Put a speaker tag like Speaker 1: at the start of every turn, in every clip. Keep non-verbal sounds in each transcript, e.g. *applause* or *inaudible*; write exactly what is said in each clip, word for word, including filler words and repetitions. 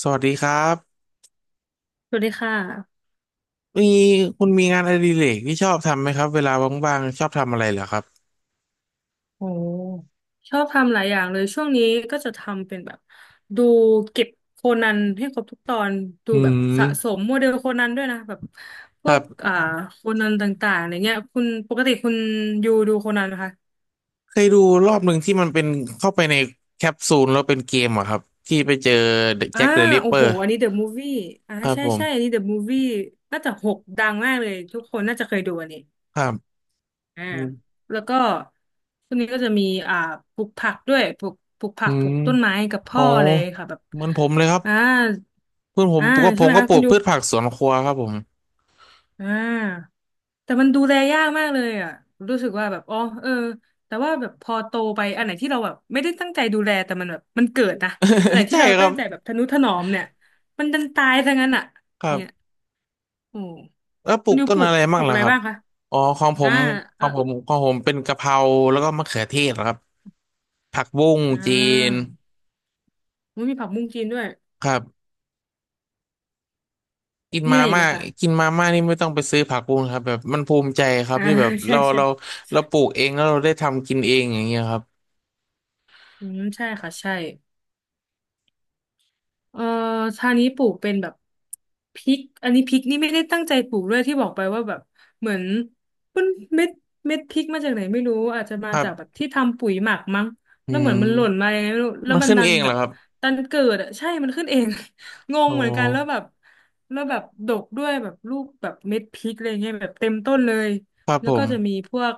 Speaker 1: สวัสดีครับ
Speaker 2: สวัสดีค่ะ
Speaker 1: มีคุณมีงานอดิเรกที่ชอบทำไหมครับเวลาว่างๆชอบทำอะไรเหรอครับ
Speaker 2: โอ้ชอบทำหลายอย่างเลยช่วงนี้ก็จะทำเป็นแบบดูเก็บโคนันให้ครบทุกตอนดู
Speaker 1: อื
Speaker 2: แบบสะส
Speaker 1: ม
Speaker 2: มโมเดลโคนันด้วยนะแบบพ
Speaker 1: ค
Speaker 2: ว
Speaker 1: รั
Speaker 2: ก
Speaker 1: บ
Speaker 2: อ่าโคนันต่างๆอะไรเงี้ยคุณปกติคุณอยู่ดูโคนันไหมคะ
Speaker 1: เคยดูรอบหนึ่งที่มันเป็นเข้าไปในแคปซูลแล้วเป็นเกมอะครับที่ไปเจอ
Speaker 2: อ่า
Speaker 1: แจ็คเดอะริป
Speaker 2: โอ้
Speaker 1: เปอ
Speaker 2: โห
Speaker 1: ร์
Speaker 2: อันนี้เดอะมูฟวี่อ่า
Speaker 1: ครับ
Speaker 2: ใช่
Speaker 1: ผ
Speaker 2: ใช่อันนี้
Speaker 1: ม
Speaker 2: เดอะมูฟวี่น่าจะหกดังมากเลยทุกคนน่าจะเคยดูอันนี้
Speaker 1: ครับ
Speaker 2: อ่า
Speaker 1: อืม
Speaker 2: แล้วก็ช่วงนี้ก็จะมีอ่าปลูกผักด้วยปลูกปลูกผั
Speaker 1: อื
Speaker 2: กปลู
Speaker 1: ม
Speaker 2: กต้นไม้กับ
Speaker 1: อ๋
Speaker 2: พ่
Speaker 1: อ
Speaker 2: อเลยค่ะแบบ
Speaker 1: เหมือนผมเลยครับ
Speaker 2: อ่า
Speaker 1: เพื่อนผม
Speaker 2: อ่า
Speaker 1: ก็ผ
Speaker 2: ใช่ไห
Speaker 1: ม
Speaker 2: ม
Speaker 1: ก็
Speaker 2: คะ
Speaker 1: ปลู
Speaker 2: คุณ
Speaker 1: ก
Speaker 2: ยู
Speaker 1: พืชผักสวนครัวครับผม
Speaker 2: อ่าแต่มันดูแลยากมากเลยอ่ะรู้สึกว่าแบบอ๋อเออแต่ว่าแบบพอโตไปอันไหนที่เราแบบไม่ได้ตั้งใจดูแลแต่มันแบบมันเกิดนะอันไหน
Speaker 1: *laughs*
Speaker 2: ที่
Speaker 1: ใช่
Speaker 2: เรา
Speaker 1: ครั
Speaker 2: ตั้ง
Speaker 1: บ
Speaker 2: ใจแบบทะนุถนอมเนี่ยมันดันตายซะงั้นอ่ะ
Speaker 1: ครั
Speaker 2: เนี่ย
Speaker 1: บ
Speaker 2: โอ้
Speaker 1: แล้วปลู
Speaker 2: คุณ
Speaker 1: ก
Speaker 2: ยู
Speaker 1: ต้
Speaker 2: ป
Speaker 1: น
Speaker 2: ลู
Speaker 1: อะ
Speaker 2: ก
Speaker 1: ไร
Speaker 2: ป
Speaker 1: บ้า
Speaker 2: ลู
Speaker 1: ง
Speaker 2: ก
Speaker 1: ล่ะ
Speaker 2: อะไร
Speaker 1: ครับ
Speaker 2: บ้างคะ
Speaker 1: อ๋อของผ
Speaker 2: อ่า
Speaker 1: มข
Speaker 2: เอ
Speaker 1: อ
Speaker 2: อ
Speaker 1: งผมของผมเป็นกะเพราแล้วก็มะเขือเทศครับ ผักบุ้ง
Speaker 2: อ่
Speaker 1: จีน
Speaker 2: ามันมีผักบุ้งจีนด้วย
Speaker 1: ครับกิน
Speaker 2: มีอะ
Speaker 1: มา
Speaker 2: ไรอีก
Speaker 1: ม่า
Speaker 2: ไหมคะ
Speaker 1: กินมาม่านี่ไม่ต้องไปซื้อผักบุ้งครับแบบมันภูมิใจครับ
Speaker 2: อ่า
Speaker 1: ที่
Speaker 2: *laughs*
Speaker 1: แบบ
Speaker 2: ใช่
Speaker 1: เรา
Speaker 2: ใช่
Speaker 1: เราเราปลูกเองแล้วเราได้ทำกินเองอย่างเงี้ยครับ
Speaker 2: อืมใช่ค่ะใช่ เอ่อทางนี้ปลูกเป็นแบบพริกอันนี้พริกนี่ไม่ได้ตั้งใจปลูกด้วยที่บอกไปว่าแบบเหมือนมันเม็ดเม็ดพริกมาจากไหนไม่รู้อาจจะ
Speaker 1: ค
Speaker 2: มา
Speaker 1: รั
Speaker 2: จากแบบ
Speaker 1: บ
Speaker 2: ที่ทำปุ๋ยหมักมั้ง
Speaker 1: อื
Speaker 2: แล้วเหมือนมันหล่น
Speaker 1: ม
Speaker 2: มายังไงไม่รู้แล้ว
Speaker 1: มัน
Speaker 2: มัน
Speaker 1: ขึ้น
Speaker 2: ดั
Speaker 1: เอ
Speaker 2: น
Speaker 1: ง
Speaker 2: แบ
Speaker 1: เหรอ
Speaker 2: บ
Speaker 1: ครับ
Speaker 2: ดันเกิดอ่ะใช่มันขึ้นเอง *laughs* ง
Speaker 1: โอ
Speaker 2: งเหมือนกันแล้วแบ
Speaker 1: ้
Speaker 2: บแล้วแบบดกด้วยแบบลูกแบบเม็ดพริกอะไรเงี้ยแบบเต็มต้นเลย
Speaker 1: ครับ
Speaker 2: แล้
Speaker 1: ผ
Speaker 2: วก็
Speaker 1: ม
Speaker 2: จะมีพวก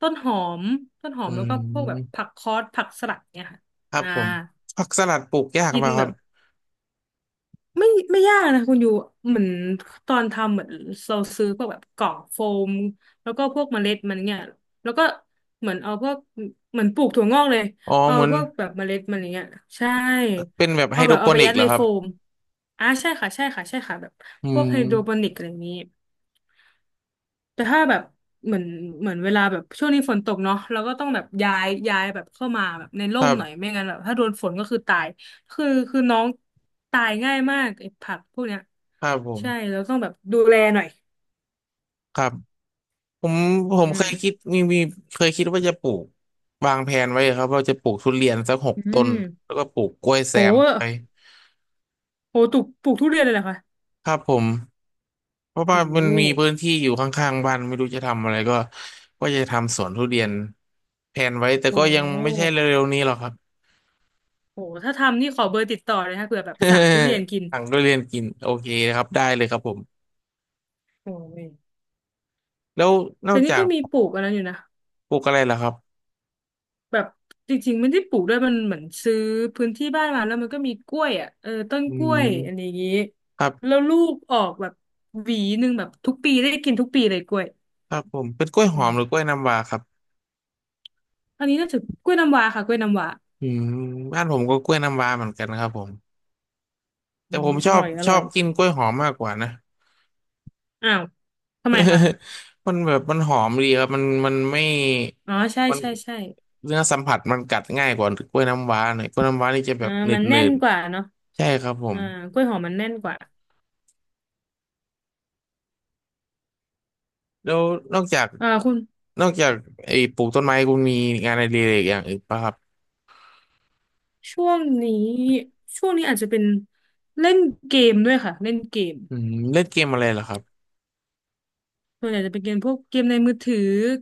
Speaker 2: ต้นหอมต้นหอ
Speaker 1: อื
Speaker 2: มแล้วก็พวกแบบ
Speaker 1: ม
Speaker 2: ผักคอสผักสลัดเนี่ยค่ะ
Speaker 1: ครับ
Speaker 2: อ่า
Speaker 1: ผมผักสลัดปลูกยาก
Speaker 2: กิ
Speaker 1: ไหม
Speaker 2: น
Speaker 1: ค
Speaker 2: แบ
Speaker 1: รับ
Speaker 2: บ ไม่ไม่ยากนะคุณอยู่เหมือนตอนทำเหมือนเราซื้อพวกแบบกล่องโฟมแล้วก็พวกเมล็ดมันเนี่ยแล้วก็เหมือนเอาพวกเหมือนปลูกถั่วงอกเลย
Speaker 1: อ๋อ
Speaker 2: เอา
Speaker 1: เหมือน
Speaker 2: พวกแบบเมล็ดมันอย่างเงี้ยใช่
Speaker 1: เป็นแบบไฮ
Speaker 2: เอา
Speaker 1: โด
Speaker 2: แบ
Speaker 1: ร
Speaker 2: บ
Speaker 1: โป
Speaker 2: เอาไป
Speaker 1: นิก
Speaker 2: ยัด
Speaker 1: เหร
Speaker 2: ใน
Speaker 1: อครั
Speaker 2: โฟ
Speaker 1: บ
Speaker 2: มอ่าใช่ค่ะใช่ค่ะใช่ค่ะแบบ
Speaker 1: อื
Speaker 2: พวกไฮโดรโป
Speaker 1: ม
Speaker 2: นิกอะไรอย่างนี้ แต่ถ้าแบบเหมือนเหมือนเวลาแบบช่วงนี้ฝนตกเนาะเราก็ต้องแบบย้ายย้ายแบบเข้ามาแบบใน
Speaker 1: ค
Speaker 2: ร่ม
Speaker 1: รั
Speaker 2: หน่อย
Speaker 1: บ
Speaker 2: ไม่งั้นแบบถ้าโดนฝนก็คือตายคือคือน้องตายง่ายมากไอ้ผักพวกเนี้ย
Speaker 1: ครับผม
Speaker 2: ใช่เราต้องแบบดูแลหน่อย
Speaker 1: ครับ ผมผ
Speaker 2: อื
Speaker 1: มเคยคิด
Speaker 2: ม
Speaker 1: มีมีเคยคิดว่าจะปลูกวางแผนไว้ครับว่าจะปลูกทุเรียนสักหก
Speaker 2: อื
Speaker 1: ต้นแล้
Speaker 2: ม
Speaker 1: วก็ปลูกกล้วยแซ
Speaker 2: โห
Speaker 1: มเข้าไป
Speaker 2: โหปลูกปลูกทุเรียนเลยเหรอคะ
Speaker 1: ครับผมเพราะ
Speaker 2: โ
Speaker 1: ว่ามันมี
Speaker 2: ห
Speaker 1: พื้นที่อยู่ข้างๆบ้านไม่รู้จะทำอะไรก็ก็จะทำสวนทุเรียนแผนไว้แต่
Speaker 2: โห
Speaker 1: ก็ยังไม่ใช่เร็วๆนี้หรอกครับ
Speaker 2: โหถ้าทำนี่ขอเบอร์ติดต่อเลยนะเผื่อแบบสั่งทุเรียนกิน
Speaker 1: *laughs* สั่งทุเรียนกินโอเคครับได้เลยครับผม
Speaker 2: โอ้ย
Speaker 1: แล้วนอ
Speaker 2: แต่
Speaker 1: ก
Speaker 2: นี่
Speaker 1: จาก
Speaker 2: ก็มีปลูกอะไรอยู่นะ
Speaker 1: ปลูกอะไรล่ะครับ
Speaker 2: แบบจริงๆไม่ได้ปลูกด้วยมันเหมือนซื้อพื้นที่บ้านมาแล้วมันก็มีกล้วยอ่ะเออต้น
Speaker 1: อื
Speaker 2: กล้วย
Speaker 1: ม
Speaker 2: อันนี้
Speaker 1: ครั
Speaker 2: แล้
Speaker 1: บ
Speaker 2: วลูกออกแบบหวีหนึ่งแบบทุกปีได้กินทุกปีเลยกล้วย
Speaker 1: ครับผมเป็นกล้วยห
Speaker 2: อื
Speaker 1: อ
Speaker 2: ม
Speaker 1: มหรือกล้วยน้ำว้าครับ
Speaker 2: อันนี้น่าจะกล้วยน้ำว้าค่ะกล้วยน้ำว้า
Speaker 1: อืมบ้านผมก็กล้วยน้ำว้าเหมือนกันครับผม แต่
Speaker 2: อื
Speaker 1: ผ
Speaker 2: ม
Speaker 1: มช
Speaker 2: อ
Speaker 1: อบ
Speaker 2: ร่อยอ
Speaker 1: ชอ
Speaker 2: ร่อ
Speaker 1: บ
Speaker 2: ย
Speaker 1: กินกล้วยหอมมากกว่านะ
Speaker 2: อ้าวทำไมคะ
Speaker 1: *laughs* มันแบบมันหอมดีครับมันมันไม่
Speaker 2: อ๋อใช่
Speaker 1: มัน
Speaker 2: ใช่ใช่
Speaker 1: เนื้อสัมผัสมันกัดง่ายกว่ากล้วยน้ำว้าหน่อยกล้วยน้ำว้านี่จะแบ
Speaker 2: อ่า
Speaker 1: บหนื
Speaker 2: มั
Speaker 1: ด
Speaker 2: น
Speaker 1: หนื
Speaker 2: แน่น
Speaker 1: ด
Speaker 2: กว่าเนาะ
Speaker 1: ใช่ครับผม
Speaker 2: อ่ากล้วยหอมมันแน่นกว่า
Speaker 1: แล้วนอกจาก
Speaker 2: อ่าคุณ
Speaker 1: นอกจากไอ้ปลูกต้นไม้คุณมีงานอดิเรกอย่างอื่นป่ะครับ
Speaker 2: ช่วงนี้ช่วงนี้อาจจะเป็นเล่นเกมด้วยค่ะเล่นเกม
Speaker 1: อืมเล่นเกมอะไรเหรอครับ
Speaker 2: ส่วนใหญ่จะเป็นเกมพวกเกมในมือถือ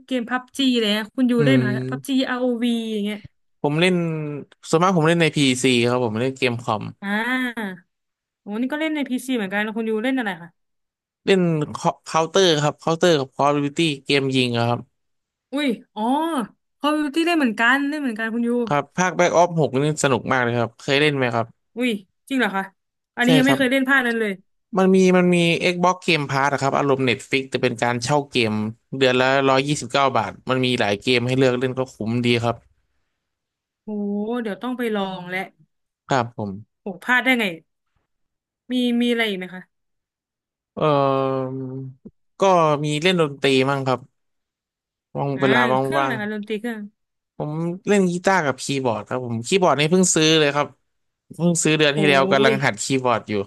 Speaker 2: เกมพับจีอะไรเงี้ยคุณยู
Speaker 1: อื
Speaker 2: เล่นไหมคะพับจี
Speaker 1: ม
Speaker 2: อาร์ โอ วี อวีอย่างเงี้ย
Speaker 1: ผมเล่นส่วนมากผมเล่นในพีซีครับผมเล่นเกมคอม
Speaker 2: อ่าโอ้นี่ก็เล่นในพีซีเหมือนกันแล้วคุณยูเล่นอะไรคะ
Speaker 1: เล่นเคาน์เตอร์ครับเคาน์เตอร์กับคอลอฟดิวตี้เกมยิงอะครับ
Speaker 2: อุ้ยอ๋อ Call of Duty เล่นเหมือนกันเล่นเหมือนกันคุณยู
Speaker 1: ครับภาคแบ็กออฟหกนี่สนุกมากเลยครับเคยเล่นไหมครับ
Speaker 2: อุ้ยจริงเหรอคะอัน
Speaker 1: ใช่
Speaker 2: นี้ยัง
Speaker 1: ครั
Speaker 2: ไม่
Speaker 1: บ
Speaker 2: เคยเล่นภาคนั้นเลย
Speaker 1: มันมีมันมี Xbox Game Pass อะครับอารมณ์ Netflix แต่เป็นการเช่าเกมเดือนละร้อยยี่สิบเก้าบาทมันมีหลายเกมให้เลือกเล่นก็คุ้มดีครับ
Speaker 2: โอ้เดี๋ยวต้องไปลองแหละ
Speaker 1: ครับผม
Speaker 2: โอ้พลาดได้ไงมีมีอะไรอีกไหมคะ
Speaker 1: เอ่อก็มีเล่นดนตรีมั่งครับว่าง
Speaker 2: อ่า
Speaker 1: เวลา
Speaker 2: เครื่อง
Speaker 1: ว่า
Speaker 2: อะไร
Speaker 1: ง
Speaker 2: คะดนตรีเครื่อง
Speaker 1: ๆผมเล่นกีตาร์กับคีย์บอร์ดครับผมคีย์บอร์ดนี่เพิ่งซื้อเลยครับเพิ่งซื้อเดือน
Speaker 2: โอ้
Speaker 1: ที่แล้วกำลั
Speaker 2: ย
Speaker 1: งหัดคีย์บอร์ดอยู่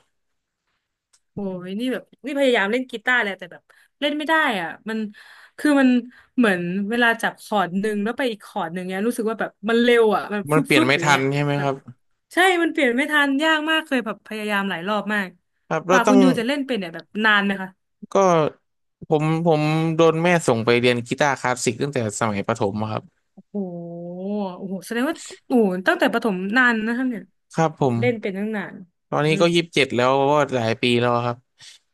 Speaker 2: โอ้ยนี่แบบนี่พยายามเล่นกีตาร์แหละแต่แบบเล่นไม่ได้อ่ะมันคือมันเหมือนเวลาจับคอร์ดหนึ่งแล้วไปอีกคอร์ดหนึ่งเนี้ยรู้สึกว่าแบบมันเร็วอ่ะมัน
Speaker 1: มัน
Speaker 2: ฟึบ
Speaker 1: เปลี่ย
Speaker 2: ฟึ
Speaker 1: น
Speaker 2: บ
Speaker 1: ไม่
Speaker 2: อย่าง
Speaker 1: ทัน
Speaker 2: เงี้ย
Speaker 1: ใช่ไหม
Speaker 2: แบ
Speaker 1: ค
Speaker 2: บ
Speaker 1: รับ
Speaker 2: ใช่มันเปลี่ยนไม่ทันยากมากเคยแบบพยายามหลายรอบมาก
Speaker 1: ครับ
Speaker 2: ก
Speaker 1: เรา
Speaker 2: ว่า
Speaker 1: ต้
Speaker 2: คุ
Speaker 1: อ
Speaker 2: ณ
Speaker 1: ง
Speaker 2: ยูจะเล่นเป็นเนี่ยแบบนานไหมคะ
Speaker 1: ก็ผมผมโดนแม่ส่งไปเรียนกีตาร์คลาสสิกตั้งแต่สมัยประถมอะครับ
Speaker 2: โอ้โหโอ้โหแสดงว่าโอ้โหตั้งแต่ประถมนานนะครับเนี่ย
Speaker 1: ครับผ
Speaker 2: แบบ
Speaker 1: ม
Speaker 2: เล่นเป็นตั้งนาน
Speaker 1: ตอนนี้
Speaker 2: อืม
Speaker 1: ก็ยี่สิบเจ็ดแล้วก็หลายปีแล้วครับ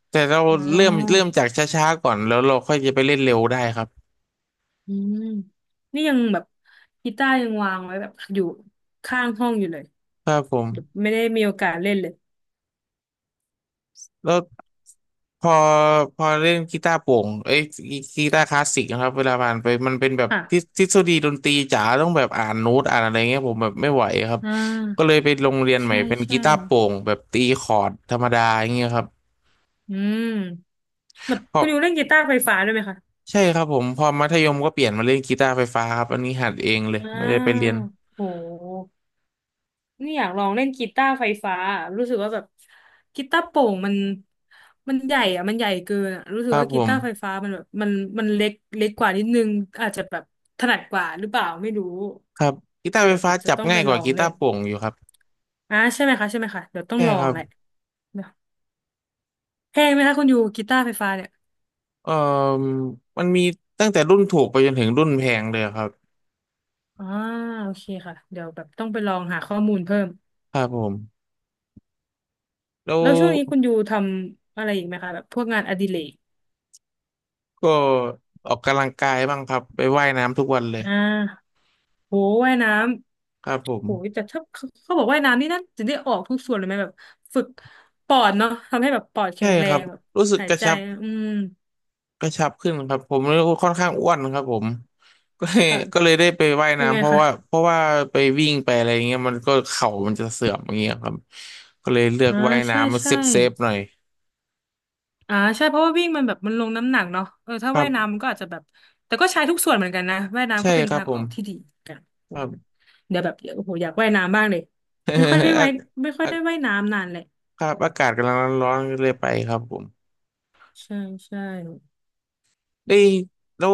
Speaker 1: แต่เรา
Speaker 2: อ๋
Speaker 1: เริ่มเริ่
Speaker 2: อ
Speaker 1: มจากช้าๆก่อนแล้วเราค่อยจะไปเล่นเร็วได้ครับ
Speaker 2: อืมนี่ยังแบบกีตาร์ยังวางไว้แบบอยู่ข้างห้องอยู่เลย
Speaker 1: ครับผม
Speaker 2: ไม่ได้มีโอกาสเล่นเลย
Speaker 1: แล้วพอพอเล่นกีตาร์โปร่งเอ้ยกีกีตาร์คลาสสิกนะครับเวลาผ่านไปมันเป็นแบบ
Speaker 2: ค่ะ
Speaker 1: ทฤทฤษฎีดนตรีจ๋าต้องแบบอ่านโน้ตอ่านอะไรเงี้ยผมแบบไม่ไหวครับ
Speaker 2: อ่
Speaker 1: ก็เล
Speaker 2: า
Speaker 1: ยไปโรงเรียนใหม่
Speaker 2: ใช่
Speaker 1: เป็นกี
Speaker 2: ใช่
Speaker 1: ตาร์โปร่งแบบตีคอร์ดธรรมดาอย่างเงี้ยครับ
Speaker 2: อืมแบบคุณอยู่เล่นกีตาร์ไฟฟ้าด้วยไหมคะ
Speaker 1: ใช่ครับผมพอมัธยมก็เปลี่ยนมาเล่นกีตาร์ไฟฟ้าครับอันนี้หัดเองเลย
Speaker 2: อ่
Speaker 1: ไม่ได้ไปเรียน
Speaker 2: าโหนี่อยากลองเล่นกีตาร์ไฟฟ้ารู้สึกว่าแบบกีตาร์โปร่งมันมันใหญ่อะมันใหญ่เกินอะรู้
Speaker 1: ค
Speaker 2: สึก
Speaker 1: รับ
Speaker 2: ว่า
Speaker 1: ผ
Speaker 2: กี
Speaker 1: ม
Speaker 2: ตาร์ไฟฟ้ามันแบบมันมันเล็กเล็กกว่านิดนึงอาจจะแบบถนัดกว่าหรือเปล่าไม่รู้
Speaker 1: ครับกีตาร์ไฟ
Speaker 2: เดี๋ยว
Speaker 1: ฟ้า
Speaker 2: จะจะ
Speaker 1: จับ
Speaker 2: ต้องไป
Speaker 1: ง่ายก
Speaker 2: ล
Speaker 1: ว่า
Speaker 2: อง
Speaker 1: กี
Speaker 2: เล่
Speaker 1: ตาร์
Speaker 2: น
Speaker 1: โปร่งอยู่ครับ
Speaker 2: อ่าใช่ไหมคะใช่ไหมคะเดี๋ยวต้อง
Speaker 1: ใช่
Speaker 2: ลอ
Speaker 1: ค
Speaker 2: ง
Speaker 1: รับ
Speaker 2: แหละเดี๋ยวแพงไหมคะคุณอยู่กีตาร์ไฟฟ้าเนี่ย
Speaker 1: เอ่อมันมีตั้งแต่รุ่นถูกไปจนถึงรุ่นแพงเลยครับ
Speaker 2: อ่าโอเคค่ะเดี๋ยวแบบต้องไปลองหาข้อมูลเพิ่ม
Speaker 1: ครับผมแล้ว
Speaker 2: แล้วช่วงนี้คุณยูทำอะไรอีกไหมคะแบบพวกงานอดิเรก
Speaker 1: ก็ออกกำลังกายบ้างครับไปว่ายน้ำทุกวันเลย
Speaker 2: อ่าโหว่ายน้
Speaker 1: ครับผ
Speaker 2: ำ
Speaker 1: ม
Speaker 2: โหแต่ถ้าเขาเขาบอกว่ายน้ำนี่น่าจะได้ออกทุกส่วนเลยไหมแบบฝึกปอดเนาะทำให้แบบปอดแข็
Speaker 1: ใช่
Speaker 2: งแร
Speaker 1: ครับ
Speaker 2: งแบบ
Speaker 1: รู้สึก
Speaker 2: หาย
Speaker 1: กระ
Speaker 2: ใจ
Speaker 1: ชับ
Speaker 2: อืม
Speaker 1: กระชับขึ้นครับผมค่อนข้างอ้วนครับผมก็เลย
Speaker 2: ค่ะ
Speaker 1: ก็เลยได้ไปว่าย
Speaker 2: เป็น
Speaker 1: น้ำ
Speaker 2: ไง
Speaker 1: เพราะ
Speaker 2: คะ
Speaker 1: ว่าเพราะว่าไปวิ่งไปอะไรอย่างเงี้ยมันก็เข่ามันจะเสื่อมอย่างเงี้ยครับก็เลยเลือก
Speaker 2: อ่า
Speaker 1: ว่าย
Speaker 2: ใช่
Speaker 1: น้ำมันเซ
Speaker 2: ใช่
Speaker 1: ฟเซฟหน่อย
Speaker 2: อ่าใช่เพราะว่าวิ่งมันแบบมันลงน้ำหนักเนาะเออถ้า
Speaker 1: ครั
Speaker 2: ว่ายน้ำ
Speaker 1: บ
Speaker 2: มันก็อาจจะแบบแต่ก็ใช้ทุกส่วนเหมือนกันนะว่ายน้ำ
Speaker 1: ใช่
Speaker 2: ก็เป็น
Speaker 1: ครับ
Speaker 2: ทาง
Speaker 1: ผ
Speaker 2: อ
Speaker 1: ม
Speaker 2: อกที่ดีเหมือนกันโอ
Speaker 1: ครั
Speaker 2: โห
Speaker 1: บ
Speaker 2: เดี๋ยวแบบโอ้โหอยากว่ายน้ำบ้างเลยไม่ค่อยได้
Speaker 1: *laughs*
Speaker 2: ว่าย
Speaker 1: อา
Speaker 2: ไม่ค่อย
Speaker 1: อา
Speaker 2: ได้ว่ายน้ำนานแหละ
Speaker 1: ครับอากาศกำลังร้อนๆก็เลยไปครับผม
Speaker 2: ใช่ใช่
Speaker 1: ได้ยแล้ว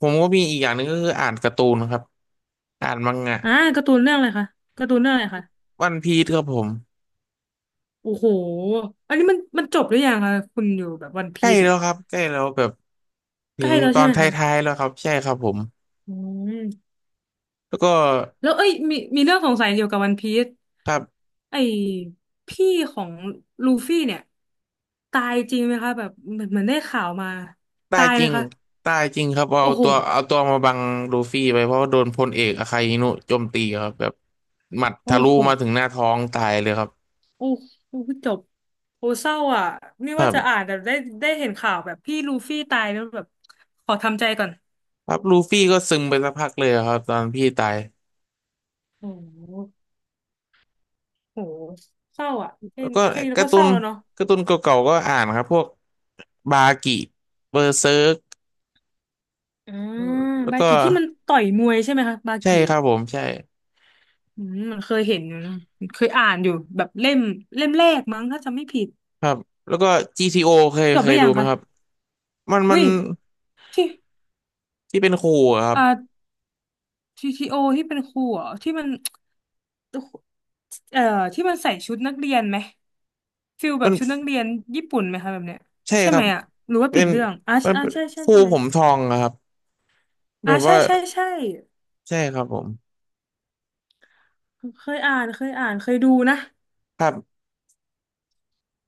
Speaker 1: ผมก็มีอีกอย่างหนึ่งก็คืออ่านการ์ตูนครับอ่านมังงะ
Speaker 2: อ่าการ์ตูนเรื่องอะไรคะการ์ตูนเรื่องอะไรคะ
Speaker 1: วันพีซครับผม
Speaker 2: โอ้โหอันนี้มันมันจบหรือยังคะคุณอยู่แบบวัน
Speaker 1: ใก
Speaker 2: พี
Speaker 1: ล้
Speaker 2: ซเนี่
Speaker 1: แล้
Speaker 2: ย
Speaker 1: วครับใกล้แล้วแบบถึ
Speaker 2: ใกล้
Speaker 1: ง
Speaker 2: แล้ว
Speaker 1: ตอ
Speaker 2: ใช่
Speaker 1: น
Speaker 2: ไหม
Speaker 1: ท
Speaker 2: คะ
Speaker 1: ้ายๆแล้วครับใช่ครับผม
Speaker 2: อืม
Speaker 1: แล้วก็
Speaker 2: แล้วเอ้ยมีมีเรื่องสงสัยเกี่ยวกับวันพีซ
Speaker 1: ครับ
Speaker 2: ไอ้พี่ของลูฟี่เนี่ยตายจริงไหมคะแบบเหมือนเหมือนได้ข่าวมา
Speaker 1: ได้
Speaker 2: ตาย
Speaker 1: จ
Speaker 2: ไหม
Speaker 1: ริง
Speaker 2: คะ
Speaker 1: ได้จริงครับ
Speaker 2: โอ้
Speaker 1: เอา
Speaker 2: โห
Speaker 1: ตัวเอาตัวมาบังลูฟี่ไปเพราะว่าโดนพลเอกอาคาอินุโจมตีครับแบบหมัด
Speaker 2: โอ้
Speaker 1: ทะลุ
Speaker 2: โห
Speaker 1: มาถึงหน้าท้องตายเลยครับ
Speaker 2: โอ้โหจบโอ้เศร้าอ่ะไม่
Speaker 1: ค
Speaker 2: ว่า
Speaker 1: รั
Speaker 2: จะอ่า
Speaker 1: บ
Speaker 2: นแต่ได้ได้เห็นข่าวแบบพี่ลูฟี่ตายแล้วแบบขอทำใจก่อน
Speaker 1: ครับลูฟี่ก็ซึมไปสักพักเลยครับตอนพี่ตาย
Speaker 2: โอ้โหโอ้โหเศร้าอ่ะแค่
Speaker 1: แล้วก็
Speaker 2: แค่นี้แล้ว
Speaker 1: กา
Speaker 2: ก็
Speaker 1: ร์ตู
Speaker 2: เศร้า
Speaker 1: น
Speaker 2: แล้วเนาะ
Speaker 1: การ์ตูนเก่าๆก็อ่านครับพวกบากิเบอร์เซิร์ก
Speaker 2: อ่า
Speaker 1: แล้ว
Speaker 2: บา
Speaker 1: ก็
Speaker 2: กิที่มันต่อยมวยใช่ไหมคะบา
Speaker 1: ใช่
Speaker 2: กิ
Speaker 1: ค
Speaker 2: เนี่
Speaker 1: รั
Speaker 2: ย
Speaker 1: บผมใช่
Speaker 2: อืมมันเคยเห็นอยู่นะเคยอ่านอยู่แบบเล่มเล่มแรกมั้งถ้าจำไม่ผิด
Speaker 1: ครับแล้วก็ จี ที โอ เคย
Speaker 2: จบ
Speaker 1: เค
Speaker 2: หรื
Speaker 1: ย
Speaker 2: อ
Speaker 1: ดู
Speaker 2: ยัง
Speaker 1: ไหม
Speaker 2: คะ
Speaker 1: ครับมันมั
Speaker 2: อุ้
Speaker 1: น
Speaker 2: ย ที่
Speaker 1: ที่เป็นครูอะครับ
Speaker 2: อ่า ที ที โอ ทีโอที่เป็นครูเหรอที่มันเอ่อที่มันใส่ชุดนักเรียนไหมฟิลแบ
Speaker 1: มั
Speaker 2: บ
Speaker 1: น
Speaker 2: ชุดนักเรียนญี่ปุ่นไหมคะแบบเนี้ย
Speaker 1: ใช่
Speaker 2: ใช่
Speaker 1: ค
Speaker 2: ไห
Speaker 1: รั
Speaker 2: ม
Speaker 1: บ
Speaker 2: อ่ะหรือว่า
Speaker 1: เป็
Speaker 2: ผิด
Speaker 1: น
Speaker 2: เรื่องอ่า
Speaker 1: มัน
Speaker 2: อ่า
Speaker 1: เป็น
Speaker 2: ใช่ใช่
Speaker 1: ครู
Speaker 2: ใช่ไหม
Speaker 1: ผมทองอะครับแบ
Speaker 2: อ่า
Speaker 1: บ
Speaker 2: ใช่
Speaker 1: ว่า
Speaker 2: ใช่ใช่
Speaker 1: ใช่ครับผม
Speaker 2: เคยอ่านเคยอ่านเคยดูนะ
Speaker 1: ครับ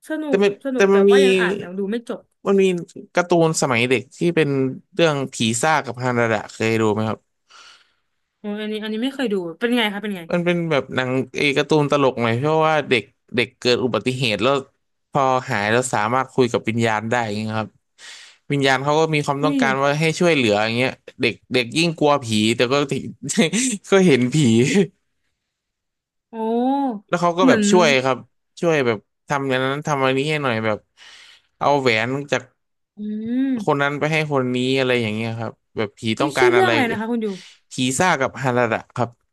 Speaker 2: สนุ
Speaker 1: แต่
Speaker 2: ก
Speaker 1: มัน
Speaker 2: สนุ
Speaker 1: แต่
Speaker 2: ก
Speaker 1: มั
Speaker 2: แต่
Speaker 1: นมี
Speaker 2: ว่ายังอ่านยังดูไม่จบ
Speaker 1: มันมีการ์ตูนสมัยเด็กที่เป็นเรื่องผีซ่ากับฮานาดะเคยดูไหมครับ
Speaker 2: อออันนี้อันนี้ไม่เคยดูเป็นไงคะเป็นไง
Speaker 1: มันเป็นแบบหนังเออการ์ตูนตลกหน่อยเพราะว่าเด็กเด็กเกิดอุบัติเหตุแล้วพอหายแล้วสามารถคุยกับวิญญาณได้อย่างเงี้ยครับวิญญาณเขาก็มีความต้
Speaker 2: อุ้
Speaker 1: อง
Speaker 2: ย
Speaker 1: การว่าให้ช่วยเหลืออย่างเงี้ยเด็กเด็กยิ่งกลัวผีแต่ก็ *laughs* ก็เห็นผี
Speaker 2: โอ้
Speaker 1: แล้วเขาก็
Speaker 2: เห
Speaker 1: แบ
Speaker 2: มื
Speaker 1: บ
Speaker 2: อน
Speaker 1: ช่วยครับช่วยแบบทำอย่างนั้นทำอันนี้ให้หน่อยแบบเอาแหวนจาก
Speaker 2: อื
Speaker 1: คน
Speaker 2: ม
Speaker 1: นั้นไปให้คนนี้อะไรอย่างเงี้ยครับแบบผีต้
Speaker 2: อุ้
Speaker 1: อ
Speaker 2: ย
Speaker 1: งกา
Speaker 2: ชื่
Speaker 1: ร
Speaker 2: อ
Speaker 1: อะ
Speaker 2: เรื่อง
Speaker 1: ไร
Speaker 2: อะไรนะคะคุณอยู่
Speaker 1: ผีซ่ากับฮาระดะครับ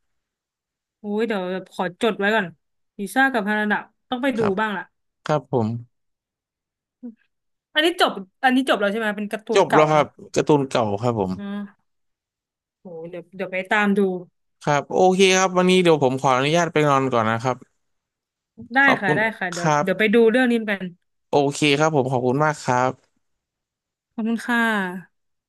Speaker 2: โอ้ยเดี๋ยวขอจดไว้ก่อนลิซ่ากับฮานาดะต้องไป
Speaker 1: ค
Speaker 2: ดู
Speaker 1: รับ
Speaker 2: บ้างล่ะ
Speaker 1: ครับผม
Speaker 2: อันนี้จบอันนี้จบแล้วใช่ไหมเป็นการ์ตู
Speaker 1: จ
Speaker 2: น
Speaker 1: บแล้
Speaker 2: เก่า
Speaker 1: วครับ
Speaker 2: เนาะ
Speaker 1: การ์ตูนเก่าครับผม
Speaker 2: อ่าโอ้ยเดี๋ยวเดี๋ยวไปตามดู
Speaker 1: ครับโอเคครับวันนี้เดี๋ยวผมขออนุญาตไปนอนก่อนนะครับ
Speaker 2: ได้
Speaker 1: ขอบ
Speaker 2: ค่ะ
Speaker 1: คุณ
Speaker 2: ได้ค่ะ
Speaker 1: ค
Speaker 2: เดี๋ยว
Speaker 1: รับ
Speaker 2: เดี๋ยวไปดูเรื่องนี้กัน
Speaker 1: โอเคครับผมขอบคุณมากครับ
Speaker 2: ขอบคุณค่ะ